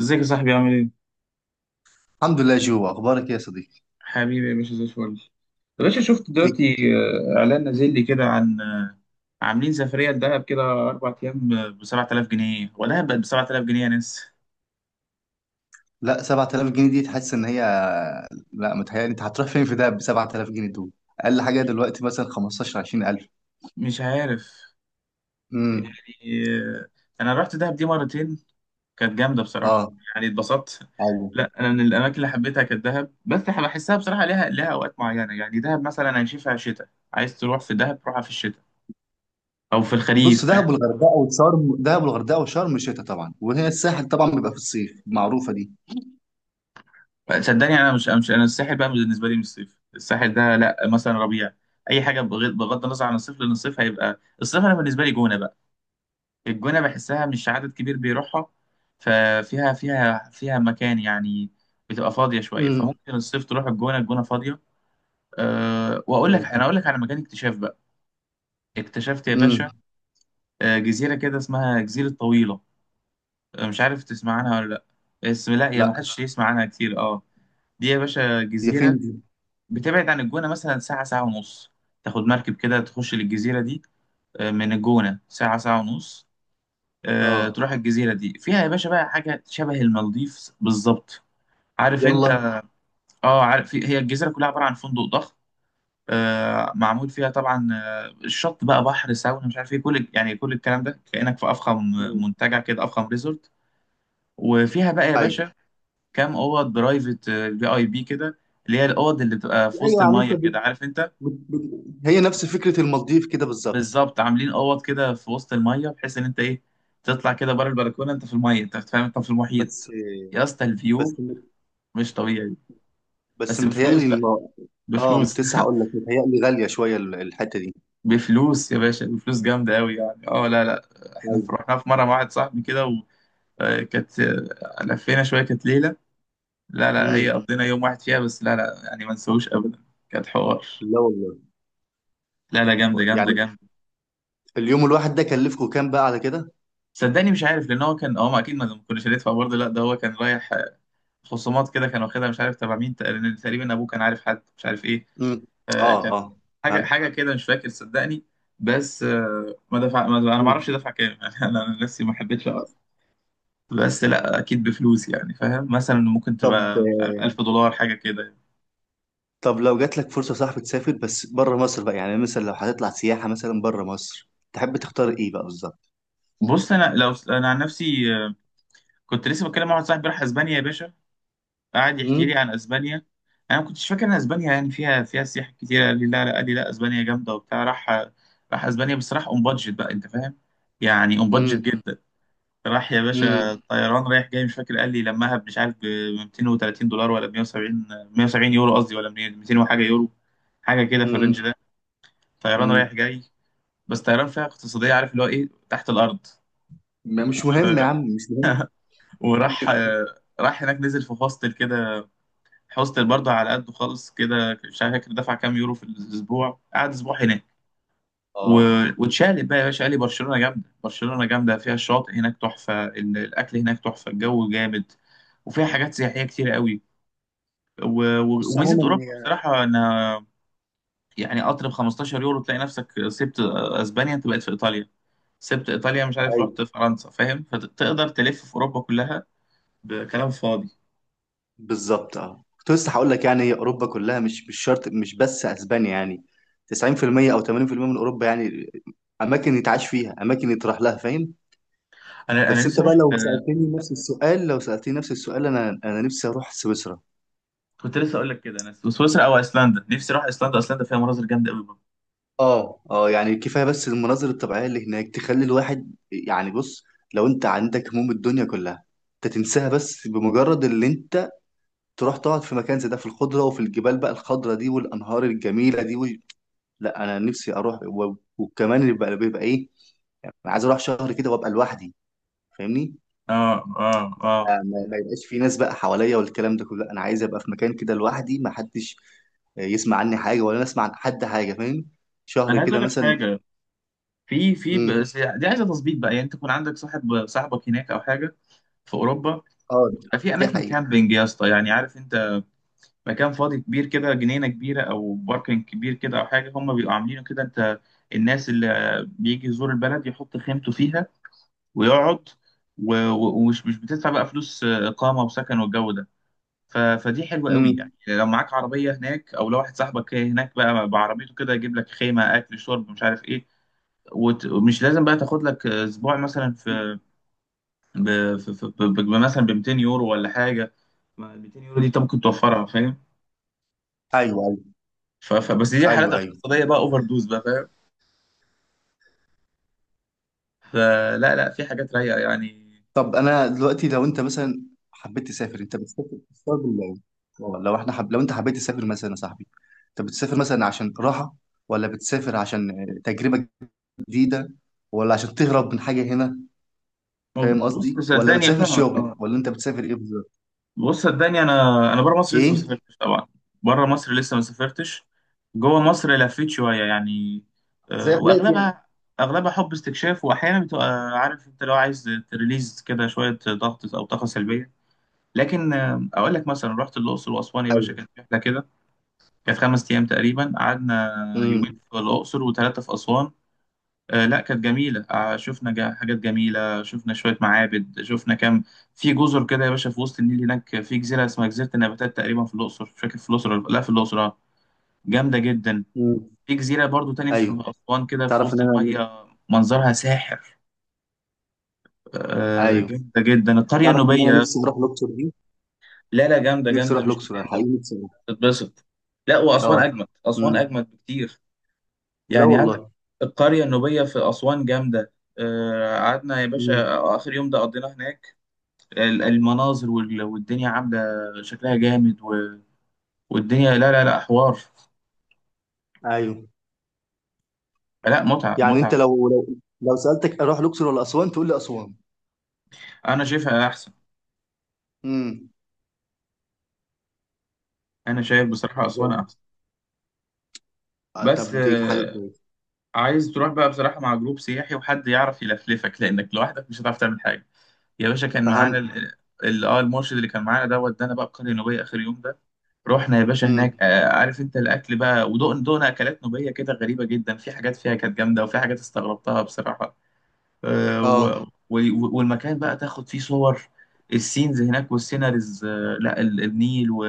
ازيك يا صاحبي؟ عامل ايه؟ الحمد لله جو، اخبارك إيه يا صديقي؟ حبيبي يا باشا، زي الفل. يا باشا شفت إيه؟ دلوقتي، اعلان نازل لي كده عن عاملين سفريه لدهب كده اربع ايام ب 7000 جنيه، ولا بقت ب 7000 جنيه يا ناس. لا، 7000 جنيه دي تحس ان هي. لا متهيألي انت هتروح فين في دهب ب 7000 جنيه دول؟ اقل حاجه دلوقتي مثلا 15 20000. مش عارف. يعني امم. آه، انا رحت دهب دي مرتين، كانت جامده بصراحه، اه. يعني اتبسطت. ايوه. لا انا من الاماكن اللي حبيتها كانت دهب، بس بحسها بصراحه ليها اوقات معينه. يعني دهب مثلا هنشوفها شتاء، عايز تروح في دهب روحها في الشتاء او في بص، الخريف. دهب والغردقه وشرم، دهب والغردقه وشرم شتاء طبعا، وهي الساحل طبعا بيبقى في الصيف، معروفه دي. صدقني انا مش انا الساحل بقى بالنسبه لي مش صيف، الساحل ده لا، مثلا ربيع، اي حاجه بغض النظر عن الصيف، لان الصيف هيبقى الصيف. انا بالنسبه لي جونه بقى، الجونه بحسها مش عدد كبير بيروحها، ففيها فيها فيها مكان يعني، بتبقى فاضيه شويه، امم. فممكن الصيف تروح الجونه، الجونه فاضيه. أه واقول لك، انا اقول لك على مكان اكتشاف بقى، اكتشفت يا باشا. امم. أه جزيره كده اسمها جزيره طويله، مش عارف تسمع عنها ولا لا، اسم لا، يا ما لا، حدش يسمع عنها كتير، اه. دي يا باشا هي جزيره فين دي؟ بتبعد عن الجونة مثلا ساعة، ساعة ونص، تاخد مركب كده تخش للجزيرة دي. من الجونة ساعة، ساعة ونص. اه. تروح الجزيرة دي، فيها يا باشا بقى حاجة شبه المالديف بالظبط، عارف يلا. انت. اه عارف، هي الجزيرة كلها عبارة عن فندق ضخم. معمول فيها طبعا الشط بقى، بحر، ساونا، مش عارف ايه، كل يعني كل الكلام ده كأنك في أفخم مم. منتجع كده، أفخم ريزورت. وفيها بقى يا ايوه. باشا كام أوض برايفت، في اي بي كده، اللي هي الأوض اللي بتبقى في وسط ايوه يعني انت المية كده، عارف انت. هي نفس فكره المالديف كده بالظبط. بالظبط، عاملين اوض كده في وسط الميه بحيث ان انت ايه، تطلع كده بره البلكونه انت في الميه، انت فاهم، انت في المحيط. بس يا اسطى بس الفيو مش طبيعي. بس بس بفلوس متهيألي. بقى، اه، ما كنت بفلوس لسه هقول لك متهيألي غالية شوية الحتة دي. بفلوس يا باشا، بفلوس جامده قوي يعني. اه لا لا، احنا ايوه. رحنا في مره مع واحد صاحبي كده، وكانت، لفينا شويه، كانت ليله، لا لا، هي امم. قضينا يوم واحد فيها بس، لا لا يعني ما نسويش ابدا. كانت حوار، لا والله. لا لا جامده جامده يعني جامده اليوم الواحد ده كلفكم كام بقى على كده؟ صدقني مش عارف، لان هو كان، هو ما اكيد ما كناش هندفع برضه، لا ده هو كان رايح، خصومات كده كان واخدها، مش عارف تبع مين، تقريبا تقريباً ابوه كان عارف حد، مش عارف ايه. امم. آه اه كان اه. حاجه، فهمت. حاجه كده مش فاكر صدقني. بس آه ما دفع، انا ما اعرفش مم. دفع كام يعني انا أنا نفسي ما حبيتش اقرا. بس لا اكيد بفلوس يعني، فاهم، مثلا ممكن طب تبقى مش عارف 1000 دولار حاجه كده يعني. طب لو جات لك فرصة صاحبي تسافر بس بره مصر بقى، يعني مثلا لو هتطلع سياحة مثلا بره مصر، تحب تختار ايه بقى بالظبط؟ بص انا لو انا عن نفسي، كنت لسه بتكلم مع واحد صاحبي راح اسبانيا يا باشا، قعد يحكي لي امم. عن اسبانيا. انا ما كنتش فاكر ان اسبانيا يعني فيها سياح كتير، قال لي لا لا، قال لي لا اسبانيا جامده وبتاع، راح اسبانيا، بس راح اون بادجت بقى، انت فاهم، يعني اون بادجت امم. جدا. راح يا امم. باشا طيران رايح جاي، مش فاكر قال لي لمها، مش عارف ب 230 دولار ولا 170، 170 يورو قصدي، ولا 200 وحاجه يورو، حاجه كده في الرينج امم. ده، طيران امم. رايح جاي، بس طيران فيها اقتصاديه، عارف اللي هو ايه، تحت الارض. مش مهم يا و... عم، مش مهم. وراح هناك، نزل في هوستل كده، حوستل برضه على قده خالص كده، مش عارف فاكر دفع كام يورو في الاسبوع، قعد اسبوع هناك. و... اه. واتشقلب بقى يا باشا، قال لي برشلونه جامده، برشلونه جامده، فيها الشاطئ هناك تحفه، الاكل هناك تحفه، الجو جامد، وفيها حاجات سياحيه كتير قوي. و... بص وميزه عموما، اوروبا بصراحه انها يعني قطر ب 15 يورو تلاقي نفسك سبت اسبانيا، انت بقيت في ايطاليا، سبت ايطاليا، مش عارف، رحت هي فرنسا، فاهم، فتقدر تلف في اوروبا كلها بكلام فاضي. بالظبط. اه، كنت لسه هقول لك يعني هي اوروبا كلها، مش مش شرط مش بس اسبانيا يعني. 90% او 80% من اوروبا يعني. اماكن يتعاش فيها، اماكن يتراح لها، فاهم. انا بس انت نفسي بقى اروح. لو سالتني نفس السؤال، لو سالتني نفس السؤال، انا انا نفسي اروح سويسرا. كنت لسه اقول لك كده، انا سويسرا او ايسلندا، نفسي اروح ايسلندا، ايسلندا فيها مناظر جامده قوي برضه. اه اه، يعني كفايه بس المناظر الطبيعيه اللي هناك تخلي الواحد يعني. بص، لو انت عندك هموم الدنيا كلها، انت تنساها بس بمجرد اللي انت تروح تقعد في مكان زي ده، في الخضره وفي الجبال بقى، الخضره دي والانهار الجميله دي. لا انا نفسي اروح وكمان اللي بيبقى بيبقى ايه، انا عايز اروح شهر كده وابقى لوحدي، فاهمني. اه. ما يبقاش في ناس بقى حواليا والكلام ده كله، لا، انا عايز ابقى في مكان كده لوحدي، ما حدش يسمع عني حاجه ولا انا اسمع عن حد حاجه، فاهم. شهر انا عايز كده اقول لك مثلا. حاجه، في امم. بس دي عايزه تظبيط بقى، يعني انت تكون عندك صاحب، صاحبك هناك او حاجه في اوروبا، اه بتبقى في دي اماكن حقيقه. كامبينج يا اسطى، يعني عارف انت، مكان فاضي كبير كده، جنينه كبيره او باركنج كبير كده او حاجه، هم بيبقوا عاملينه كده، انت الناس اللي بيجي يزور البلد يحط خيمته فيها ويقعد، و- و- ومش مش بتدفع بقى فلوس اقامه وسكن والجو ده. فدي حلوه قوي يعني، امم. لو معاك عربيه هناك، او لو واحد صاحبك هناك بقى بعربيته كده يجيب لك خيمه، اكل، شرب، مش عارف ايه. ومش لازم بقى تاخد لك اسبوع مثلا في ب... في... في... ب... ب... مثلا ب 200 يورو ولا حاجه، ما ال 200 يورو دي انت ممكن توفرها، فاهم. ايوه. ايوه. بس دي حالات ايوه. ايوه. اقتصاديه بقى، اوفر دوز بقى، فاهم. فلا لا، في حاجات رايقه يعني. طب انا دلوقتي، لو انت مثلا حبيت تسافر، انت بتسافر بتسافر بالله؟ اه، لو احنا لو انت حبيت تسافر مثلا يا صاحبي، انت بتسافر مثلا عشان راحه، ولا بتسافر عشان تجربه جديده، ولا عشان تهرب من حاجه هنا؟ فاهم بص قصدي؟ ولا صدقني بتسافر فاهمك، شغل، ولا انت بتسافر ايه بالظبط؟ بص صدقني انا، انا بره مصر لسه ما ايه؟ سافرتش طبعا، بره مصر لسه ما سافرتش. جوه مصر لفيت شويه يعني، زي حالاتي يعني. واغلبها، اغلبها حب استكشاف، واحيانا بتبقى عارف انت لو عايز تريليز كده شويه ضغط او طاقه سلبيه. لكن اقول لك مثلا رحت الاقصر واسوان يا باشا، ايوه. كانت رحله كده، كانت خمس ايام تقريبا قعدنا، يومين امم. في الاقصر وثلاثه في اسوان. لا كانت جميلة، شفنا حاجات جميلة، شفنا شوية معابد، شفنا كام، في جزر كده يا باشا في وسط النيل هناك، في جزيرة اسمها جزيرة النباتات تقريبا في الأقصر، مش فاكر في الأقصر لا في الأقصر جامدة جدا. امم. في جزيرة برضو تاني في ايوه. أسوان كده في تعرف ان وسط انا. المية منظرها ساحر. ايوه. جامدة جدا القرية تعرف ان النوبية انا يا نفسي اسطى. اروح الاقصر دي، لا لا جامدة نفسي جامدة اروح مش الاقصر، انا هتندم، حقيقي نفسي اروح. تتبسط. لا وأسوان اه. أجمد، أسوان امم. أجمد بكتير، لا يعني عندك والله. القرية النوبية في أسوان جامدة. قعدنا يا باشا امم. آخر يوم ده قضيناه هناك، المناظر والدنيا عامله، شكلها جامد، والدنيا لا لا لا حوار، ايوه. لا متعه يعني متعه. انت لو لو سالتك اروح الاقصر ولا اسوان، تقول لي اسوان. انا شايفها احسن، امم. انا شايف بصراحه زي. اسوان احسن. آه، بس طب دي حاجه كويسه. عايز تروح بقى بصراحه مع جروب سياحي، وحد يعرف يلفلفك، لانك لوحدك مش هتعرف تعمل حاجه. يا باشا كان معانا فهمت. اه المرشد، اللي كان معانا ده ودانا بقى القريه النوبيه اخر يوم ده. رحنا يا باشا هناك، امم. عارف انت الاكل بقى، ودقنا اكلات نوبيه كده غريبه جدا، في حاجات فيها كانت جامده، وفي حاجات استغربتها بصراحه. آه، و... اه والمكان بقى تاخد فيه صور، السينز هناك والسيناريز، لا النيل. و...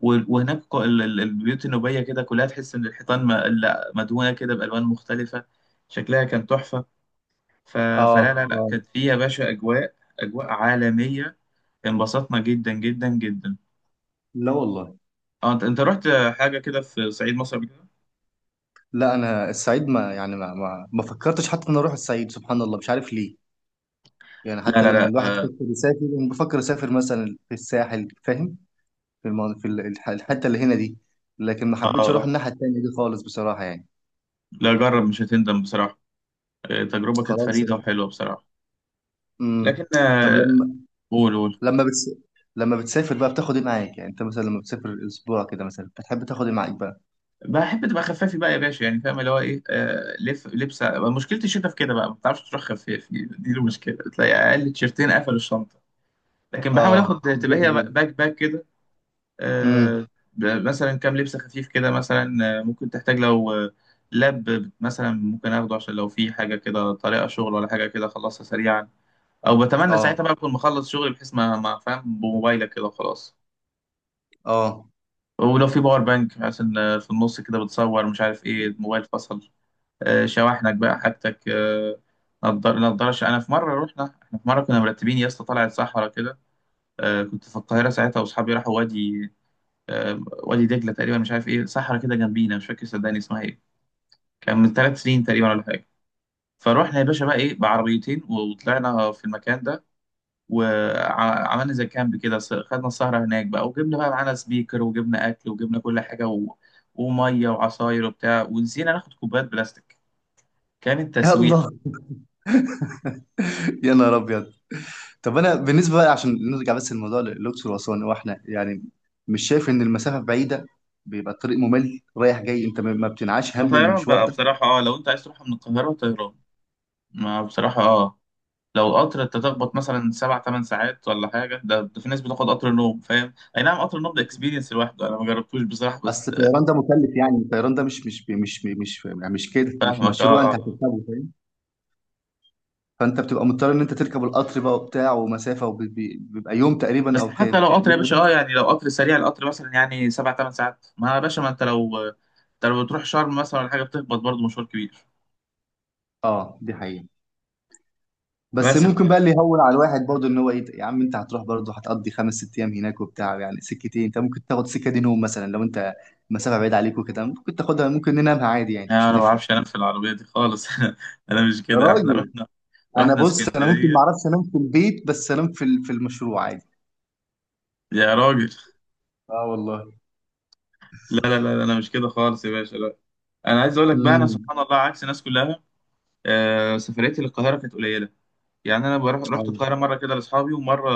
و- وهناك البيوت النوبية كده كلها، تحس إن الحيطان لا مدهونة كده بألوان مختلفة، شكلها كان تحفة. ف... اه فلا لا لا، اه. كانت فيه يا باشا أجواء، أجواء عالمية، انبسطنا جدا جدا جدا. لا والله. اه انت، أنت رحت حاجة كده في صعيد مصر قبل كده؟ لا انا الصعيد ما يعني ما فكرتش حتى ان أنا اروح الصعيد، سبحان الله مش عارف ليه. يعني لا حتى لا لما لا الواحد اه يفكر يسافر، انا بفكر اسافر مثلا في الساحل، فاهم. في في الحته اللي هنا دي، لكن ما اه حبيتش اروح آه. الناحيه التانيه دي خالص بصراحه يعني. لا جرب مش هتندم بصراحة، تجربة كانت خلاص. فريدة وحلوة بصراحة. امم. لكن طب لما، قول قول. لما بتس... لما بتسافر بقى بتاخد ايه معاك؟ يعني انت مثلا لما بتسافر اسبوع كده مثلا، بتحب تاخد ايه معاك بقى؟ بحب تبقى خفافي بقى يا باشا، يعني فاهم، اللي هو ايه، آه لف لبسه، مشكله الشتا في كده بقى ما بتعرفش تروح خفافي، دي المشكله، تلاقي اقل تيشرتين قفلوا الشنطه. لكن بحاول اه اخد، دي تبقى هي حقيقة. باك باك كده. آه، امم. مثلا كام لبسه خفيف كده مثلا، ممكن تحتاج لو لاب مثلا ممكن اخده، عشان لو في حاجه كده طريقه شغل ولا حاجه كده اخلصها سريعا، او بتمنى اه ساعتها بقى اكون مخلص شغل، بحيث ما فاهم بموبايلك كده وخلاص. اه. ولو في باور بانك عشان في النص كده بتصور مش عارف ايه الموبايل فصل. شواحنك بقى حاجتك، نضار، نضارش. انا في مره رحنا، احنا في مره كنا مرتبين يا اسطى، طلعت صحرا كده، كنت في القاهره ساعتها، واصحابي راحوا وادي، وادي دجله تقريبا، مش عارف ايه، صحرا كده جنبينا مش فاكر صدقني اسمها ايه، كان من ثلاث سنين تقريبا ولا حاجه. فروحنا يا باشا بقى ايه بعربيتين، وطلعنا في المكان ده، وعملنا زي كامب كده، خدنا السهره هناك بقى، وجبنا بقى معانا سبيكر، وجبنا اكل، وجبنا كل حاجه، وميه وعصاير وبتاع، ونسينا ناخد كوبايات بلاستيك. كانت تسويحه. يلا. يا نهار ابيض. طب انا بالنسبه بقى، عشان نرجع بس الموضوع للاقصر واسوان، هو احنا يعني مش شايف ان المسافه بعيده؟ بيبقى الطريق ممل رايح جاي، انت ما بتنعاش لا هم طيران المشوار بقى ده؟ بصراحة، اه لو انت عايز تروح من القاهرة طيران. ما بصراحة اه لو قطر، انت تخبط مثلا سبع تمن ساعات ولا حاجة، ده، ده في ناس بتاخد قطر نوم، فاهم، اي نعم قطر النوم ده اكسبيرينس لوحده، انا ما جربتوش بصراحة، اصل بس آه. الطيران ده مكلف يعني، الطيران ده مش يعني مش كده، مش فاهمك اه، مشروع اه انت آه. هتركبه، فاهم. فانت بتبقى مضطر ان انت تركب القطر بقى وبتاع ومسافه، وبيبقى يوم تقريبا بس او حتى كام لو قطر يا يوم باشا، اه ونص. يعني لو قطر سريع، القطر مثلا يعني سبع تمن ساعات، ما يا باشا ما انت لو، انت لو بتروح شرم مثلا ولا حاجة بتخبط برضه مشوار كبير. اه دي حقيقه. بس بس ممكن بقى اللي يهون على الواحد برضه ان هو ايه، يا عم انت هتروح برضه هتقضي خمس ست ايام هناك وبتاع، يعني سكتين انت ممكن تاخد سكه دي نوم مثلا لو انت مسافه بعيد عليك وكده، ممكن تاخدها، ممكن ننامها عادي يعني، مش انا ما هتفرق. بعرفش انام في العربية دي خالص انا مش يا كده، احنا راجل. رحنا، انا رحنا بص، انا ممكن ما اسكندرية، اعرفش انام في البيت بس انام في في المشروع عادي. يا راجل اه والله. لا لا لا لا، انا مش كده خالص يا باشا لا. انا عايز اقول لك بقى، انا امم. سبحان الله عكس الناس كلها، آه سفريتي للقاهره كانت قليله، يعني انا بروح، رحت القاهره اه مره كده لاصحابي ومره،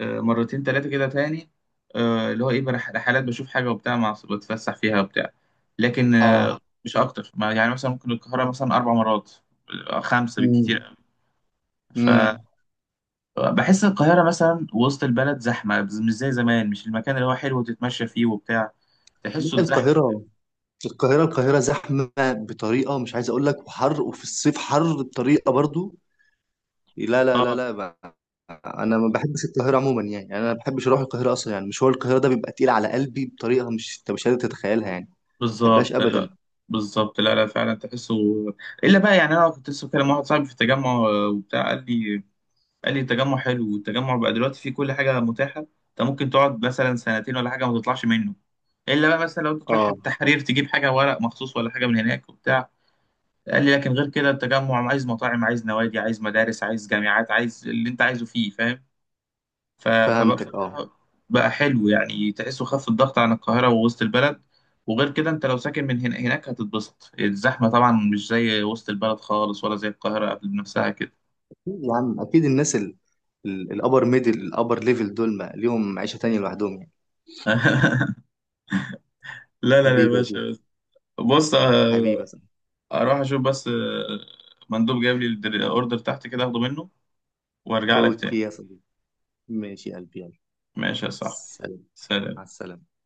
آه مرتين ثلاثه كده تاني، آه اللي هو ايه رحلات بشوف حاجه وبتاع، مع بتفسح فيها وبتاع. لكن آه اه. مش اكتر، ما يعني مثلا ممكن القاهره مثلا اربع مرات، خمسه امم. بالكتير. امم. فبحس القاهره مثلا وسط البلد زحمه مش زي زمان، مش المكان اللي هو حلو تتمشى فيه وبتاع، تحسه اتزحم. القاهره، القاهره زحمه بطريقه مش عايز اقول لك، وحر، وفي الصيف حر بطريقه برضه. لا لا لا اه لا ما. انا ما بحبش القاهره عموما يعني، يعني انا ما بحبش اروح القاهره اصلا، يعني مشوار القاهره ده بيبقى تقيل على قلبي بطريقه مش انت مش قادر تتخيلها يعني. ما بحبهاش بالظبط ابدا. لا، بالظبط لا لا فعلا تحسه. الا بقى، يعني انا كنت لسه بكلم واحد صاحبي في التجمع، وبتاع قال لي، قال لي التجمع حلو، والتجمع بقى دلوقتي فيه كل حاجه متاحه، انت ممكن تقعد مثلا سنتين ولا حاجه ما تطلعش منه، الا بقى مثلا لو انت تروح اه التحرير تجيب حاجه ورق مخصوص ولا حاجه من هناك وبتاع. قال لي لكن غير كده التجمع، عايز مطاعم، عايز نوادي، عايز مدارس، عايز جامعات، عايز اللي انت عايزه فيه، فاهم. فبقى فهمتك. اه بقى حلو، يعني تحسه خف الضغط عن القاهرة ووسط البلد، وغير كده انت لو ساكن من هنا هناك هتتبسط، الزحمة طبعا مش زي وسط البلد خالص، ولا زي القاهرة قبل نفسها كده. يا عم، اكيد الناس، الابر ميدل الابر ليفل دول ما ليهم عيشه تانية لوحدهم يعني. لا لا لا يا حبيبي يا جو. باشا بس. بص حبيبي يا صاحبي. اروح اشوف بس، مندوب جايب لي الاوردر تحت كده اخده منه، وارجع لك تاني. اوكي يا صديقي. ماشي يا قلبي، يلا. ماشي يا صاحبي، سلام. مع سلام. السلامه.